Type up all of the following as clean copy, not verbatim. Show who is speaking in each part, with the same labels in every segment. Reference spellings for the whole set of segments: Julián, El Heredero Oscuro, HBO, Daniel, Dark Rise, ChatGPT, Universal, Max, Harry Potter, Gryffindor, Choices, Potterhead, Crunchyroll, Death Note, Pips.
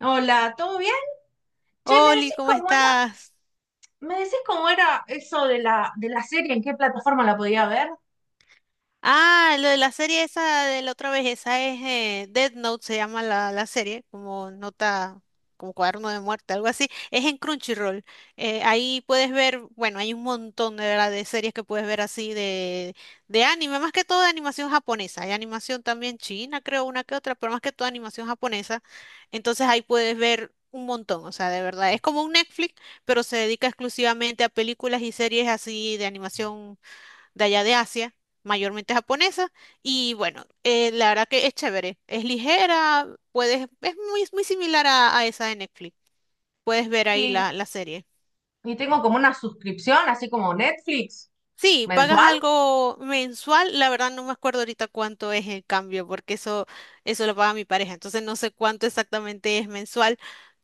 Speaker 1: Hola, ¿todo bien? Che, ¿me
Speaker 2: Oli,
Speaker 1: decís
Speaker 2: ¿cómo
Speaker 1: cómo era?
Speaker 2: estás?
Speaker 1: ¿Me decís cómo era eso de la serie? ¿En qué plataforma la podía ver?
Speaker 2: Ah, lo de la serie esa de la otra vez, esa es Death Note, se llama la serie, como nota, como cuaderno de muerte, algo así. Es en Crunchyroll. Ahí puedes ver, bueno, hay un montón de verdad de series que puedes ver así de anime, más que todo de animación japonesa. Hay animación también china, creo, una que otra, pero más que todo animación japonesa. Entonces ahí puedes ver un montón, o sea, de verdad. Es como un Netflix, pero se dedica exclusivamente a películas y series así de animación de allá de Asia, mayormente japonesa, y bueno, la verdad que es chévere, es ligera, puedes, es muy, muy similar a esa de Netflix, puedes ver ahí
Speaker 1: Y,
Speaker 2: la serie.
Speaker 1: y tengo como una suscripción, así como Netflix,
Speaker 2: Sí, pagas
Speaker 1: mensual.
Speaker 2: algo mensual, la verdad no me acuerdo ahorita cuánto es el cambio, porque eso lo paga mi pareja, entonces no sé cuánto exactamente es mensual,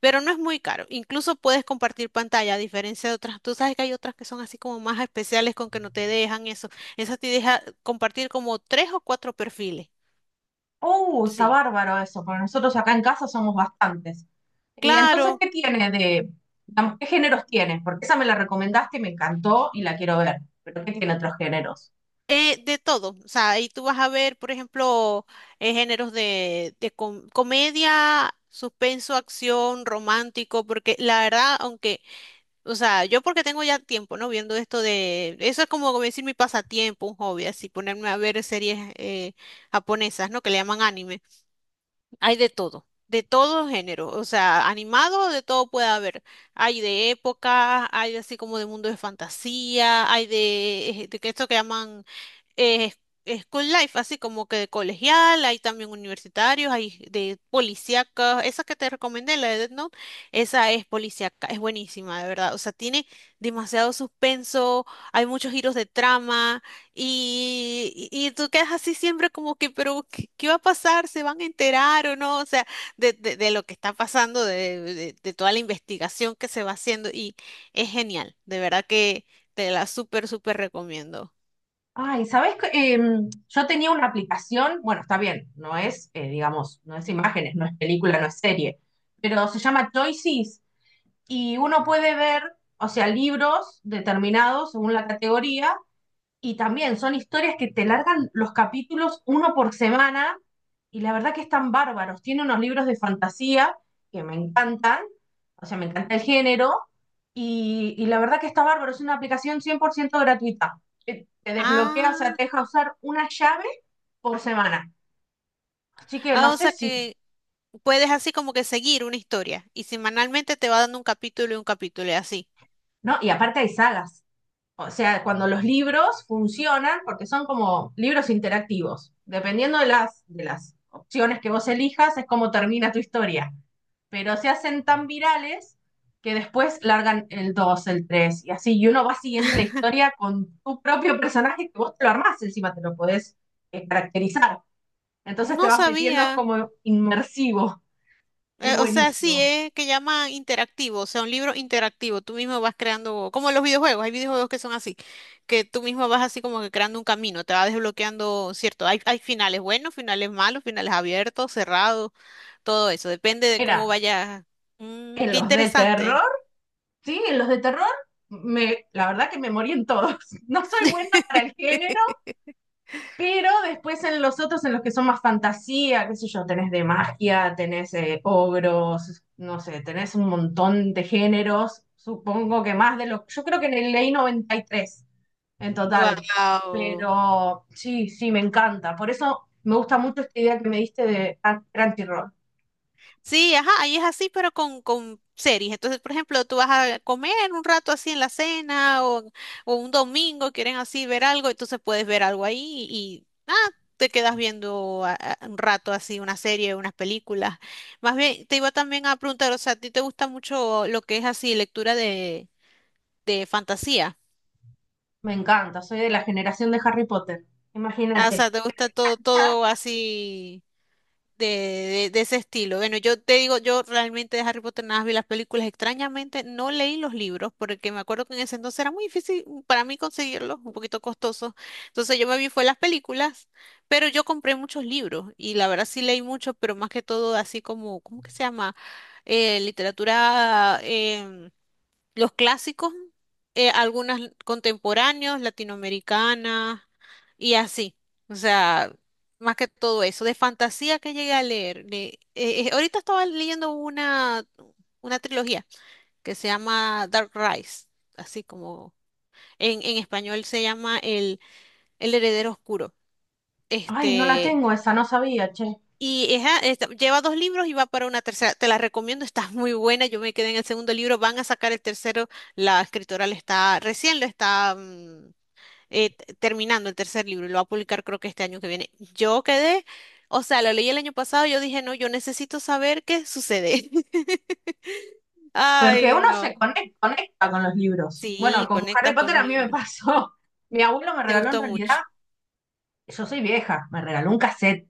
Speaker 2: pero no es muy caro. Incluso puedes compartir pantalla, a diferencia de otras, tú sabes que hay otras que son así como más especiales con que no te dejan eso. Esa te deja compartir como tres o cuatro perfiles.
Speaker 1: Está
Speaker 2: Sí,
Speaker 1: bárbaro eso, porque nosotros acá en casa somos bastantes. Y entonces,
Speaker 2: claro,
Speaker 1: ¿qué tiene de, digamos, qué géneros tiene? Porque esa me la recomendaste y me encantó y la quiero ver. Pero ¿qué tiene otros géneros?
Speaker 2: de todo. O sea, ahí tú vas a ver, por ejemplo, géneros de comedia, suspenso, acción, romántico, porque la verdad, aunque, o sea, yo porque tengo ya tiempo, ¿no? Viendo esto de, eso es como como decir mi pasatiempo, un hobby, así ponerme a ver series japonesas, ¿no? Que le llaman anime. Hay de todo género, o sea, animado de todo puede haber. Hay de época, hay así como de mundo de fantasía, hay de que esto que llaman eh, school life, así como que de colegial, hay también universitarios, hay de policíaca, esa que te recomendé, la de Death Note, esa es policíaca, es buenísima, de verdad, o sea, tiene demasiado suspenso, hay muchos giros de trama y tú quedas así siempre como que, pero, ¿qué va a pasar? ¿Se van a enterar o no? O sea, de lo que está pasando, de toda la investigación que se va haciendo y es genial, de verdad que te la súper, súper recomiendo.
Speaker 1: Ay, ¿sabes qué? Yo tenía una aplicación, bueno, está bien, no es, digamos, no es imágenes, no es película, no es serie, pero se llama Choices y uno puede ver, o sea, libros determinados según la categoría y también son historias que te largan los capítulos uno por semana y la verdad que están bárbaros. Tiene unos libros de fantasía que me encantan, o sea, me encanta el género y la verdad que está bárbaro. Es una aplicación 100% gratuita. Que te desbloquea, o sea,
Speaker 2: Ah,
Speaker 1: te deja usar una llave por semana. Así que no
Speaker 2: ah, o
Speaker 1: sé
Speaker 2: sea
Speaker 1: si,
Speaker 2: que puedes así como que seguir una historia y semanalmente te va dando un capítulo y así.
Speaker 1: ¿no? Y aparte hay sagas. O sea, cuando los libros funcionan, porque son como libros interactivos. Dependiendo de las opciones que vos elijas, es como termina tu historia. Pero se hacen tan virales que después largan el 2, el 3 y así. Y uno va siguiendo la historia con tu propio personaje que vos te lo armás, encima te lo podés caracterizar. Entonces te
Speaker 2: No
Speaker 1: vas metiendo, es
Speaker 2: sabía.
Speaker 1: como inmersivo. Es
Speaker 2: O sea, sí,
Speaker 1: buenísimo.
Speaker 2: es que llama interactivo, o sea, un libro interactivo. Tú mismo vas creando, como los videojuegos, hay videojuegos que son así, que tú mismo vas así como que creando un camino, te va desbloqueando, cierto, hay finales buenos, finales malos, finales abiertos, cerrados, todo eso, depende de cómo
Speaker 1: Era
Speaker 2: vayas. Mm,
Speaker 1: en
Speaker 2: qué
Speaker 1: los de terror.
Speaker 2: interesante.
Speaker 1: Sí, los de terror, me, la verdad que me morí en todos. No soy buena para el género, pero después en los otros, en los que son más fantasía, qué sé yo, tenés de magia, tenés ogros, no sé, tenés un montón de géneros, supongo que más de lo... Yo creo que en el leí 93 en total,
Speaker 2: Wow.
Speaker 1: pero sí, sí, me encanta. Por eso me gusta mucho esta idea que me diste de Crunchyroll.
Speaker 2: Sí, ajá, ahí es así, pero con series. Entonces, por ejemplo, tú vas a comer un rato así en la cena o un domingo, quieren así ver algo, entonces puedes ver algo ahí y, ah, te quedas viendo un rato así una serie, unas películas. Más bien, te iba también a preguntar, o sea, ¿a ti te gusta mucho lo que es así lectura de fantasía?
Speaker 1: Me encanta, soy de la generación de Harry Potter,
Speaker 2: Ah, o
Speaker 1: imagínate.
Speaker 2: sea, ¿te gusta todo, todo así? De ese estilo. Bueno, yo te digo, yo realmente de Harry Potter nada más vi las películas. Extrañamente no leí los libros porque me acuerdo que en ese entonces era muy difícil para mí conseguirlos, un poquito costoso. Entonces yo me vi fue las películas, pero yo compré muchos libros y la verdad sí leí mucho, pero más que todo así como, ¿cómo que se llama? Literatura, los clásicos, algunas contemporáneos, latinoamericanas y así. O sea, más que todo eso, de fantasía que llegué a leer. Ahorita estaba leyendo una trilogía que se llama Dark Rise, así como en español se llama El Heredero Oscuro.
Speaker 1: Ay, no la
Speaker 2: Este,
Speaker 1: tengo esa, no sabía, che.
Speaker 2: y ella, lleva dos libros y va para una tercera. Te la recomiendo, está muy buena. Yo me quedé en el segundo libro, van a sacar el tercero. La escritora le está, recién lo está terminando el tercer libro y lo va a publicar creo que este año que viene. Yo quedé, o sea, lo leí el año pasado, yo dije, no, yo necesito saber qué sucede.
Speaker 1: Porque
Speaker 2: Ay,
Speaker 1: uno
Speaker 2: no.
Speaker 1: se conecta con los libros. Bueno,
Speaker 2: Sí,
Speaker 1: con Harry
Speaker 2: conectas con
Speaker 1: Potter
Speaker 2: los
Speaker 1: a mí me
Speaker 2: libros.
Speaker 1: pasó. Mi abuelo me
Speaker 2: Te
Speaker 1: regaló en
Speaker 2: gustó
Speaker 1: realidad,
Speaker 2: mucho.
Speaker 1: yo soy vieja, me regaló un cassette.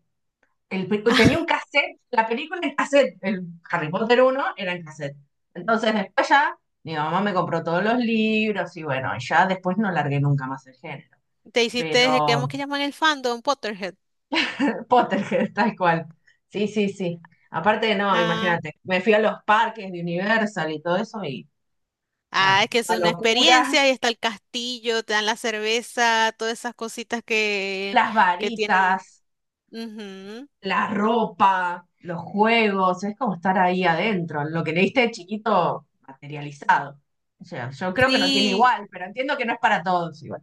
Speaker 1: El tenía un cassette, la película en cassette, el Harry Potter uno era en cassette. Entonces después ya mi mamá me compró todos los libros y bueno, ya después no largué nunca más el género.
Speaker 2: Te hiciste, digamos
Speaker 1: Pero
Speaker 2: que llaman el fandom, Potterhead.
Speaker 1: Potterhead, tal cual. Sí, sí, sí. Aparte, no,
Speaker 2: Ah,
Speaker 1: imagínate, me fui a los parques de Universal y todo eso.
Speaker 2: ah,
Speaker 1: Ah,
Speaker 2: es que es
Speaker 1: la
Speaker 2: una
Speaker 1: locura,
Speaker 2: experiencia, ahí está el castillo, te dan la cerveza, todas esas cositas
Speaker 1: las
Speaker 2: que tienen.
Speaker 1: varitas,
Speaker 2: Ujú.
Speaker 1: la ropa, los juegos, es como estar ahí adentro, lo que leíste de chiquito materializado. O sea, yo creo que no tiene
Speaker 2: Sí,
Speaker 1: igual, pero entiendo que no es para todos igual.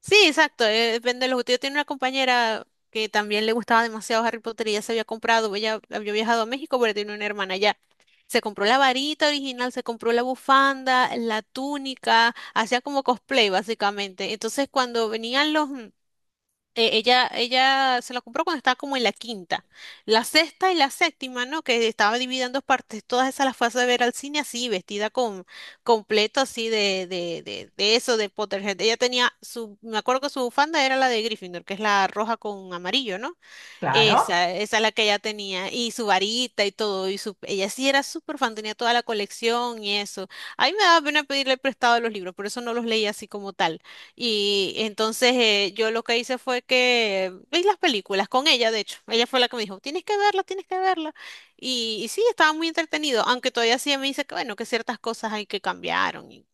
Speaker 2: sí, exacto, depende de los gustos. Yo tenía una compañera que también le gustaba demasiado Harry Potter y ya se había comprado, ella había viajado a México, pero tiene una hermana allá. Se compró la varita original, se compró la bufanda, la túnica, hacía como cosplay básicamente. Entonces cuando venían los, ella se la compró cuando estaba como en la quinta. La sexta y la séptima, ¿no? Que estaba dividida en dos partes. Todas esas las fue a ver al cine así, vestida con completo así de eso, de Potterhead. Ella tenía su, me acuerdo que su bufanda era la de Gryffindor, que es la roja con amarillo, ¿no?
Speaker 1: Claro,
Speaker 2: Esa es la que ella tenía, y su varita y todo, y su, ella sí era súper fan, tenía toda la colección y eso. A mí me daba pena pedirle prestado los libros, por eso no los leía así como tal. Y entonces yo lo que hice fue que vi las películas con ella, de hecho, ella fue la que me dijo, tienes que verla, tienes que verla. Y sí, estaba muy entretenido, aunque todavía sí me dice que bueno, que ciertas cosas hay que cambiaron. Y,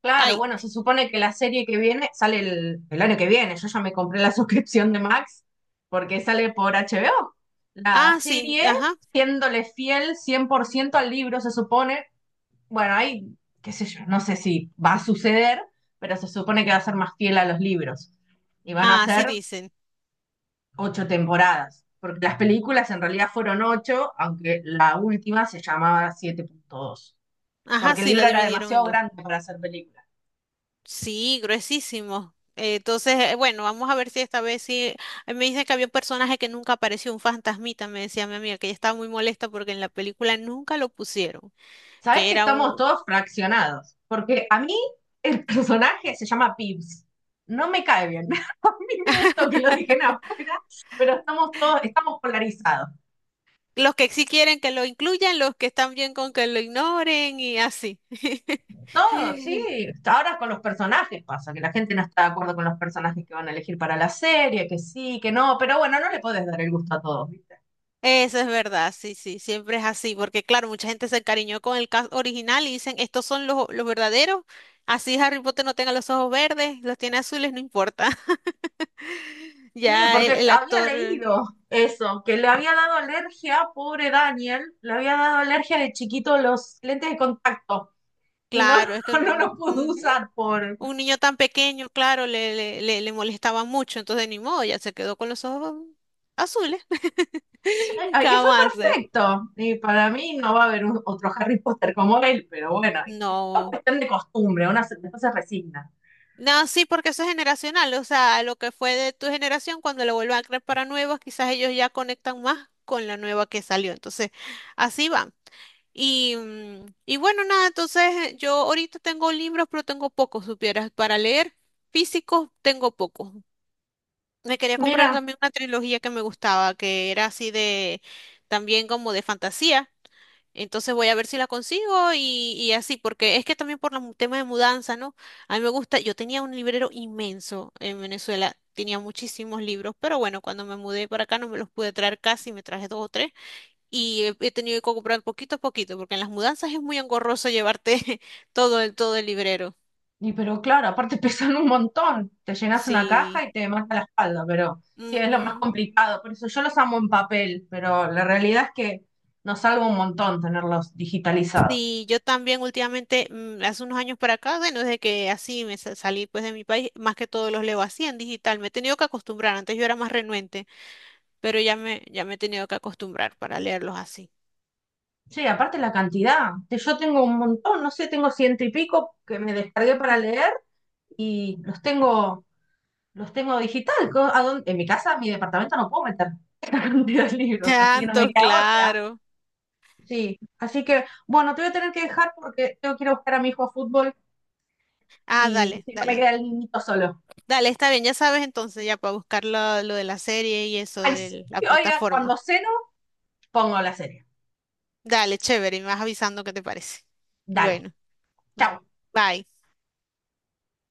Speaker 1: claro,
Speaker 2: ay,
Speaker 1: bueno, se supone que la serie que viene sale el año que viene, yo ya me compré la suscripción de Max porque sale por HBO. La
Speaker 2: ah, sí,
Speaker 1: serie,
Speaker 2: ajá,
Speaker 1: siéndole fiel 100% al libro, se supone, bueno, ahí, qué sé yo, no sé si va a suceder, pero se supone que va a ser más fiel a los libros. Y van a
Speaker 2: ah, sí
Speaker 1: ser
Speaker 2: dicen,
Speaker 1: 8 temporadas, porque las películas en realidad fueron 8, aunque la última se llamaba 7.2,
Speaker 2: ajá,
Speaker 1: porque el
Speaker 2: sí, la
Speaker 1: libro era
Speaker 2: dividieron en
Speaker 1: demasiado
Speaker 2: dos.
Speaker 1: grande para hacer película.
Speaker 2: Sí, gruesísimo. Entonces, bueno, vamos a ver si esta vez sí. Me dicen que había un personaje que nunca apareció, un fantasmita, me decía mi amiga, que ella estaba muy molesta porque en la película nunca lo pusieron,
Speaker 1: Sabes
Speaker 2: que
Speaker 1: que
Speaker 2: era
Speaker 1: estamos
Speaker 2: un...
Speaker 1: todos fraccionados, porque a mí el personaje se llama Pips. No me cae bien. A mí me gustó que lo dejen afuera, pero estamos todos, estamos polarizados.
Speaker 2: Los que sí quieren que lo incluyan, los que están bien con que lo ignoren y así.
Speaker 1: Todo, sí. Ahora con los personajes pasa, que la gente no está de acuerdo con los personajes que van a elegir para la serie, que sí, que no, pero bueno, no le podés dar el gusto a todos, ¿viste?
Speaker 2: Eso es verdad, sí, sí, siempre es así, porque claro, mucha gente se encariñó con el cast original y dicen, estos son los verdaderos, así Harry Potter no tenga los ojos verdes, los tiene azules, no importa.
Speaker 1: Sí,
Speaker 2: Ya
Speaker 1: porque
Speaker 2: el
Speaker 1: había
Speaker 2: actor.
Speaker 1: leído eso, que le había dado alergia, pobre Daniel, le había dado alergia de chiquito los lentes de contacto y no,
Speaker 2: Claro, es que
Speaker 1: no
Speaker 2: un,
Speaker 1: los pudo
Speaker 2: ujú,
Speaker 1: usar por...
Speaker 2: un niño tan pequeño, claro, le molestaba mucho, entonces ni modo, ya se quedó con los ojos azules.
Speaker 1: Sí,
Speaker 2: ¿Qué
Speaker 1: y fue
Speaker 2: vamos a hacer?
Speaker 1: perfecto. Y para mí no va a haber otro Harry Potter como él, pero bueno, ¿viste? Es todo
Speaker 2: No.
Speaker 1: cuestión de costumbre, una se, después se resigna.
Speaker 2: No, sí, porque eso es generacional, o sea, lo que fue de tu generación, cuando lo vuelvan a crear para nuevos, quizás ellos ya conectan más con la nueva que salió, entonces así va. Y, mm, y bueno, nada, entonces yo ahorita tengo libros, pero tengo pocos, supieras, para leer físicos tengo pocos. Me quería comprar
Speaker 1: Mira,
Speaker 2: también una trilogía que me gustaba, que era así de, también como de fantasía. Entonces voy a ver si la consigo y así, porque es que también por los temas de mudanza, ¿no? A mí me gusta, yo tenía un librero inmenso en Venezuela, tenía muchísimos libros, pero bueno, cuando me mudé para acá no me los pude traer casi, me traje dos o tres y he, he tenido que comprar poquito a poquito, porque en las mudanzas es muy engorroso llevarte todo todo el librero.
Speaker 1: y pero claro, aparte pesan un montón. Te llenas una caja
Speaker 2: Sí.
Speaker 1: y te mata la espalda, pero sí es lo más complicado. Por eso yo los amo en papel, pero la realidad es que nos salva un montón tenerlos digitalizados.
Speaker 2: Sí, yo también últimamente, mm, hace unos años para acá, bueno, desde que así salí pues de mi país, más que todo los leo así en digital. Me he tenido que acostumbrar, antes yo era más renuente, pero ya ya me he tenido que acostumbrar para leerlos así.
Speaker 1: Sí, aparte la cantidad. Yo tengo un montón, no sé, tengo ciento y pico que me descargué para leer y los tengo digital. ¿A dónde? En mi casa, en mi departamento no puedo meter esta cantidad de libros, así que no
Speaker 2: Tanto,
Speaker 1: me queda otra.
Speaker 2: claro.
Speaker 1: Sí, así que bueno, te voy a tener que dejar porque tengo que ir a buscar a mi hijo a fútbol.
Speaker 2: Ah,
Speaker 1: Y
Speaker 2: dale,
Speaker 1: si no me
Speaker 2: dale.
Speaker 1: queda el niñito solo.
Speaker 2: Dale, está bien, ya sabes entonces, ya para buscar lo de la serie y eso
Speaker 1: Ay, sí,
Speaker 2: de la
Speaker 1: oiga,
Speaker 2: plataforma.
Speaker 1: cuando ceno, pongo la serie.
Speaker 2: Dale, chévere, y me vas avisando qué te parece.
Speaker 1: Dale,
Speaker 2: Bueno,
Speaker 1: chau.
Speaker 2: bye.